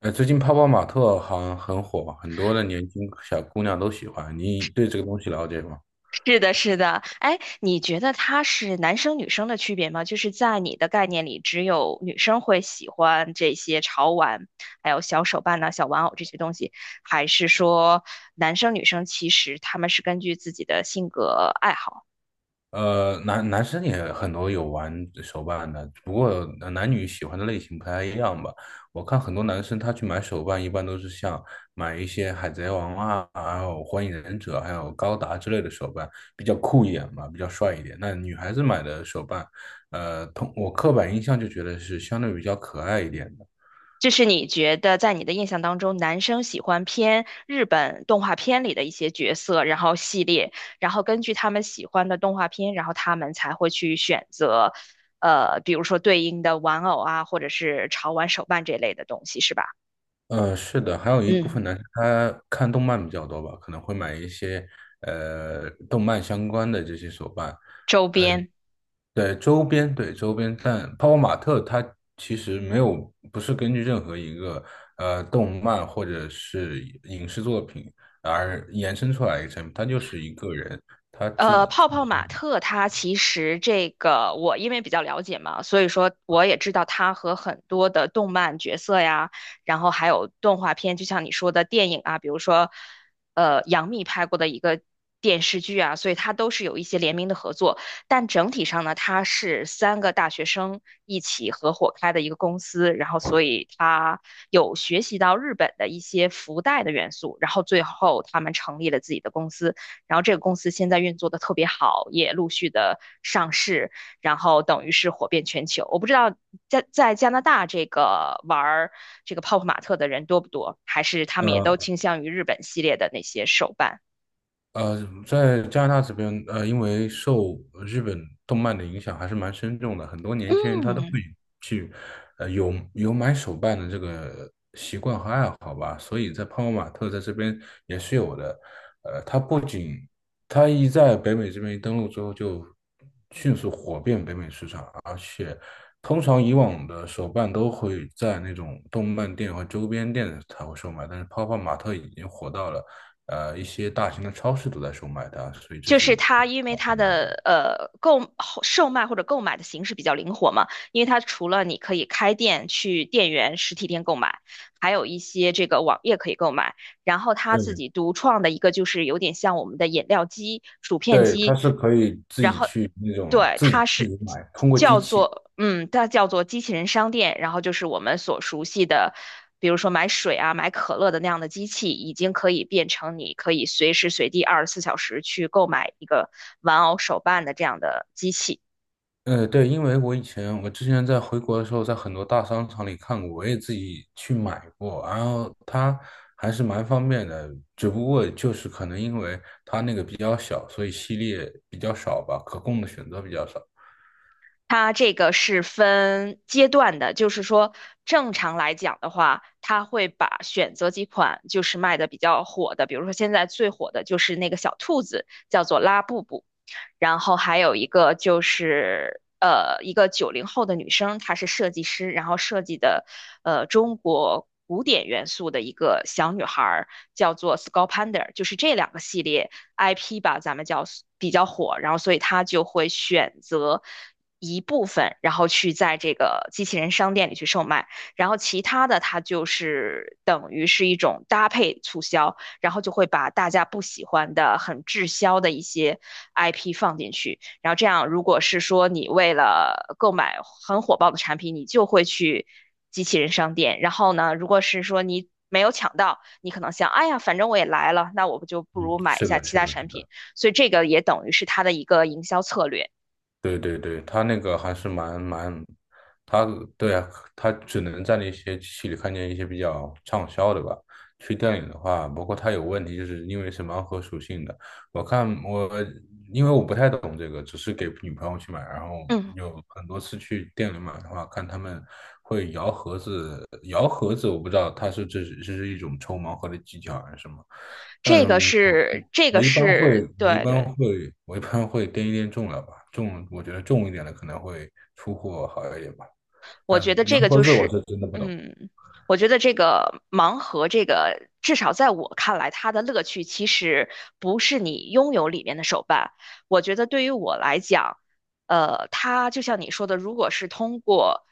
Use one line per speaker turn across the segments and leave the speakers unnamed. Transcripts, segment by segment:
最近泡泡玛特好像很火，很多的年轻小姑娘都喜欢。你对这个东西了解吗？
是的，是的，哎，你觉得它是男生女生的区别吗？就是在你的概念里，只有女生会喜欢这些潮玩，还有小手办呐、小玩偶这些东西，还是说男生女生其实他们是根据自己的性格爱好？
男生也很多有玩手办的，不过男女喜欢的类型不太一样吧。我看很多男生他去买手办，一般都是像买一些海贼王啊，还有火影忍者，还有高达之类的手办，比较酷一点嘛，比较帅一点。那女孩子买的手办，我刻板印象就觉得是相对比较可爱一点的。
就是你觉得在你的印象当中，男生喜欢偏日本动画片里的一些角色，然后系列，然后根据他们喜欢的动画片，然后他们才会去选择，比如说对应的玩偶啊，或者是潮玩手办这类的东西，是吧？
呃，是的，还有一部
嗯，
分男生他看动漫比较多吧，可能会买一些动漫相关的这些手办。
周
呃，
边。
对周边，对周边。但泡泡玛特它其实没有，不是根据任何一个动漫或者是影视作品而延伸出来一个产品，它就是一个人，
泡泡玛特它其实这个我因为比较了解嘛，所以说我也知道它和很多的动漫角色呀，然后还有动画片，就像你说的电影啊，比如说杨幂拍过的一个电视剧啊，所以它都是有一些联名的合作。但整体上呢，它是三个大学生一起合伙开的一个公司，然后所以它有学习到日本的一些福袋的元素，然后最后他们成立了自己的公司。然后这个公司现在运作的特别好，也陆续的上市，然后等于是火遍全球。我不知道在加拿大这个玩这个泡泡玛特的人多不多，还是他们也都
呃。
倾向于日本系列的那些手办。
在加拿大这边，因为受日本动漫的影响还是蛮深重的，很多年轻人他都
嗯，
会去，有买手办的这个习惯和爱好吧，所以在泡泡玛特在这边也是有的。它不仅它一在北美这边一登陆之后就迅速火遍北美市场，而且通常以往的手办都会在那种动漫店和周边店才会售卖，但是泡泡玛特已经火到了。一些大型的超市都在售卖它，所以这
就是
是
它，因为它的售卖或者购买的形式比较灵活嘛，因为它除了你可以开店去店员实体店购买，还有一些这个网页可以购买。然后他
对，
自己独创的一个就是有点像我们的饮料机、薯片
对，它
机，
是可以自
然
己
后
去那种
对，
自己
它
自己买，通过机器。
叫做机器人商店，然后就是我们所熟悉的，比如说买水啊、买可乐的那样的机器，已经可以变成你可以随时随地24小时去购买一个玩偶手办的这样的机器。
对，因为我之前在回国的时候，在很多大商场里看过，我也自己去买过，然后它还是蛮方便的，只不过就是可能因为它那个比较小，所以系列比较少吧，可供的选择比较少。
它这个是分阶段的，就是说正常来讲的话，它会把选择几款就是卖的比较火的，比如说现在最火的就是那个小兔子，叫做拉布布。然后还有一个就是一个90后的女生，她是设计师，然后设计的中国古典元素的一个小女孩儿，叫做 Sculpander，就是这两个系列 IP 吧，咱们叫比较火，然后所以她就会选择。一部分，然后去在这个机器人商店里去售卖，然后其他的它就是等于是一种搭配促销，然后就会把大家不喜欢的、很滞销的一些 IP 放进去。然后这样，如果是说你为了购买很火爆的产品，你就会去机器人商店。然后呢，如果是说你没有抢到，你可能想，哎呀，反正我也来了，那我不就不
嗯，
如买一
是
下
的，
其
是
他
的，是
产品。
的。
所以这个也等于是它的一个营销策略。
对对对，他那个还是蛮，他对啊，他只能在那些机器里看见一些比较畅销的吧。去电影的话，包括他有问题，就是因为是盲盒属性的。我看我因为我不太懂这个，只是给女朋友去买，然后
嗯，
有很多次去店里买的话，看他们会摇盒子，摇盒子我不知道他是这是一种抽盲盒的技巧还是什么，但
这
是
个
我
是这
我
个
一般
是
会，我一
对
般
对，
会，我一般会掂一掂重量吧，重，我觉得重一点的可能会出货好一点吧。
我
但
觉得这个
洋盒
就
子我
是，
是真的不懂。
嗯，我觉得这个盲盒，这个至少在我看来，它的乐趣其实不是你拥有里面的手办。我觉得对于我来讲，它就像你说的，如果是通过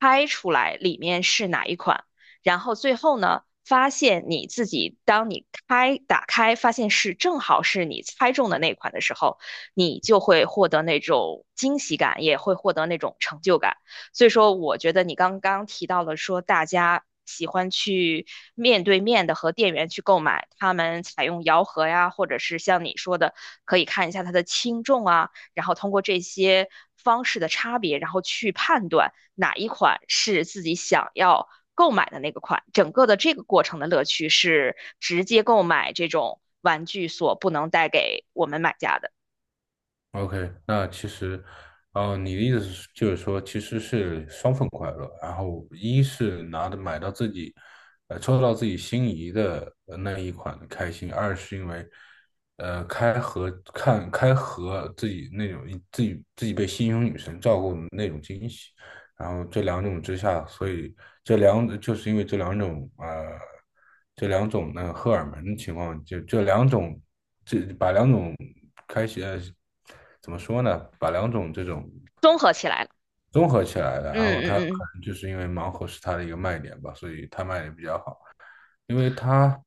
猜出来里面是哪一款，然后最后呢，发现你自己当你开打开，发现是正好是你猜中的那款的时候，你就会获得那种惊喜感，也会获得那种成就感。所以说，我觉得你刚刚提到了说大家喜欢去面对面的和店员去购买，他们采用摇盒呀，或者是像你说的，可以看一下它的轻重啊，然后通过这些方式的差别，然后去判断哪一款是自己想要购买的那个款。整个的这个过程的乐趣是直接购买这种玩具所不能带给我们买家的。
OK,那其实，哦、你的意思是就是说，其实是双份快乐。然后，一是拿的买到自己，抽到自己心仪的那一款的开心；二是因为，开盒自己那种自己被心仪女神照顾的那种惊喜。然后这两种之下，所以这两就是因为这两种那个荷尔蒙的情况，就这两种，这把两种开始怎么说呢？把两种这种
综合起来了，
综合起来的，
嗯
然后它
嗯嗯。
可能就是因为盲盒是它的一个卖点吧，所以它卖的比较好。因为他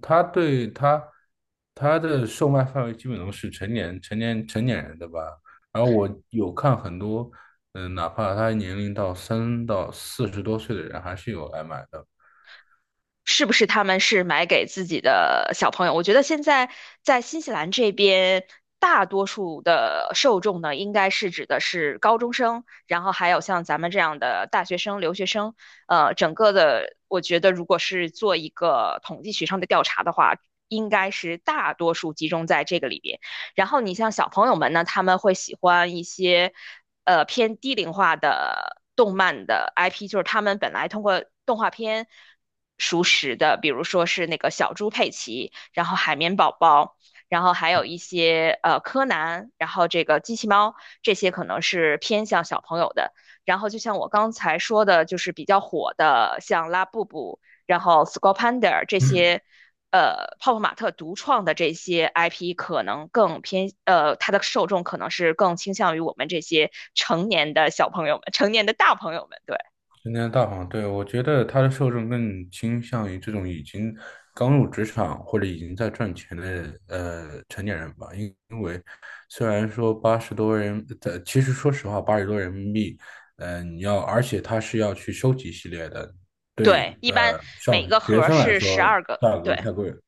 他对他他的售卖范围基本都是成年人的吧。然后我有看很多，嗯、哪怕他年龄到3到40多岁的人，还是有来买的。
是不是他们是买给自己的小朋友？我觉得现在在新西兰这边，大多数的受众呢，应该是指的是高中生，然后还有像咱们这样的大学生、留学生。整个的，我觉得如果是做一个统计学上的调查的话，应该是大多数集中在这个里边。然后你像小朋友们呢，他们会喜欢一些偏低龄化的动漫的 IP，就是他们本来通过动画片熟识的，比如说是那个小猪佩奇，然后海绵宝宝。然后还有一些柯南，然后这个机器猫，这些可能是偏向小朋友的。然后就像我刚才说的，就是比较火的，像拉布布，然后 s c u l l Panda 这些泡泡玛特独创的这些 IP 可能更偏，它的受众可能是更倾向于我们这些成年的小朋友们、成年的大朋友们。对
今天大黄，对，我觉得他的受众更倾向于这种已经刚入职场或者已经在赚钱的成年人吧，因为虽然说八十多人，其实说实话，80多人民币，你要，而且他是要去收集系列的，
对，
对，
一般
呃，
每
上
个盒
学
儿
生来
是十
说
二个。
价格
对，
太贵了，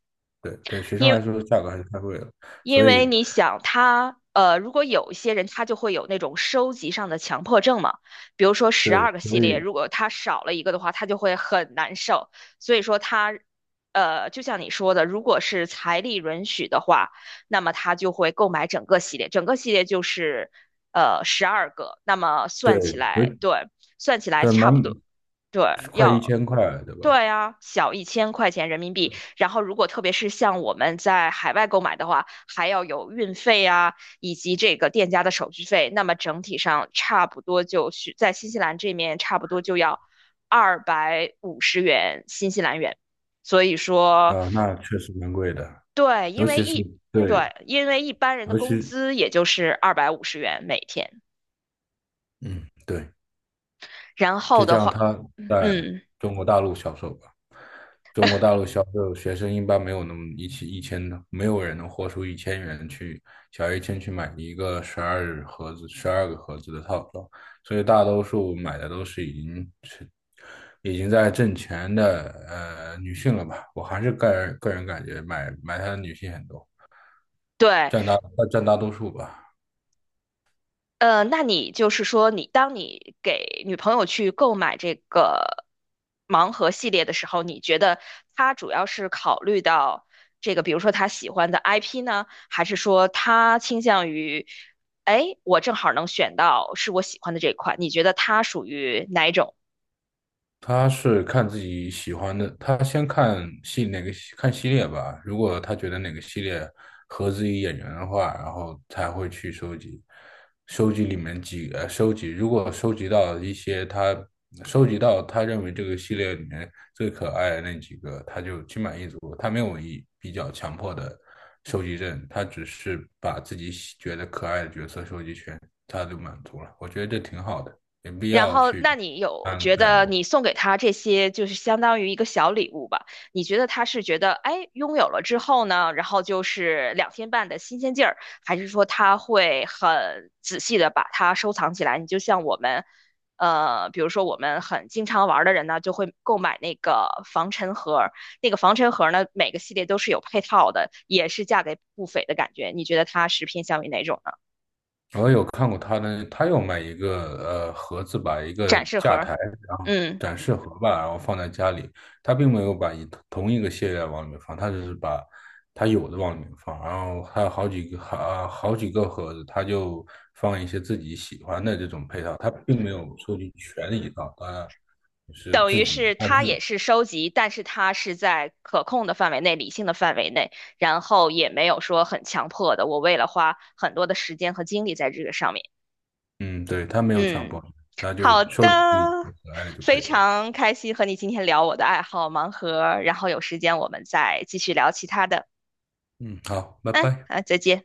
对对，学生
因
来
为。
说价格还是太贵了，
因
所
为
以
你想他，如果有一些人他就会有那种收集上的强迫症嘛，比如说十
对，
二个
所
系列，
以
如果他少了一个的话，他就会很难受。所以说他，就像你说的，如果是财力允许的话，那么他就会购买整个系列，整个系列就是十二个，那么算起
对，有
来，对，算起来
对
差不
蛮
多，对，
快一
要。
千块，对吧？
对啊，小1000块钱人民币，然后，如果特别是像我们在海外购买的话，还要有运费啊，以及这个店家的手续费。那么整体上差不多就是在新西兰这面差不多就要250元新西兰元。所以说，
啊，那确实蛮贵的，
对，
尤其是对，
因为一般人的
尤
工
其
资也就是250元每天。
嗯对，
然后
再
的
加上
话，
它在
嗯，
中国大陆销售吧，中国大陆销售学生一般没有那么一起一千的，没有人能豁出1000元去小1000去买一个12盒子、12个盒子的套装，所以大多数买的都是已经在挣钱的女性了吧，我还是个人感觉买它的女性很多，
对，
占大占大多数吧。
那你就是说，你当你给女朋友去购买这个盲盒系列的时候，你觉得她主要是考虑到这个，比如说她喜欢的 IP 呢，还是说她倾向于，哎，我正好能选到是我喜欢的这一款？你觉得她属于哪一种？
他是看自己喜欢的，他先看系哪个系看系列吧。如果他觉得哪个系列合自己眼缘的话，然后才会去收集，收集里面几呃收集。如果收集到一些他收集到他认为这个系列里面最可爱的那几个，他就心满意足。他没有比较强迫的收集症，他只是把自己觉得可爱的角色收集全，他就满足了。我觉得这挺好的，没必
然
要
后，
去
那你有
贪
觉
太
得
多。
你送给他这些，就是相当于一个小礼物吧？你觉得他是觉得，哎，拥有了之后呢，然后就是2天半的新鲜劲儿，还是说他会很仔细的把它收藏起来？你就像我们，比如说我们很经常玩儿的人呢，就会购买那个防尘盒儿，那个防尘盒儿呢，每个系列都是有配套的，也是价格不菲的感觉。你觉得它是偏向于哪种呢？
我有看过他的，他有买一个盒子吧，一
展
个
示盒
架
儿，
台，然后
嗯。
展示盒吧，然后放在家里。他并没有把一同一个系列往里面放，他只是把他有的往里面放，然后还有好几个好呃好几个盒子，他就放一些自己喜欢的这种配套，他并没有收集全一套，他就是
等
自
于
己
是它也是收集，但是它是在可控的范围内、理性的范围内，然后也没有说很强迫的。我为了花很多的时间和精力在这个上面，
嗯，对，他没有强
嗯，
迫你，他就
好的，
收集自己最可爱的就可
非
以了。
常开心和你今天聊我的爱好盲盒，然后有时间我们再继续聊其他的。
嗯，好，拜
嗯，
拜。
好，再见。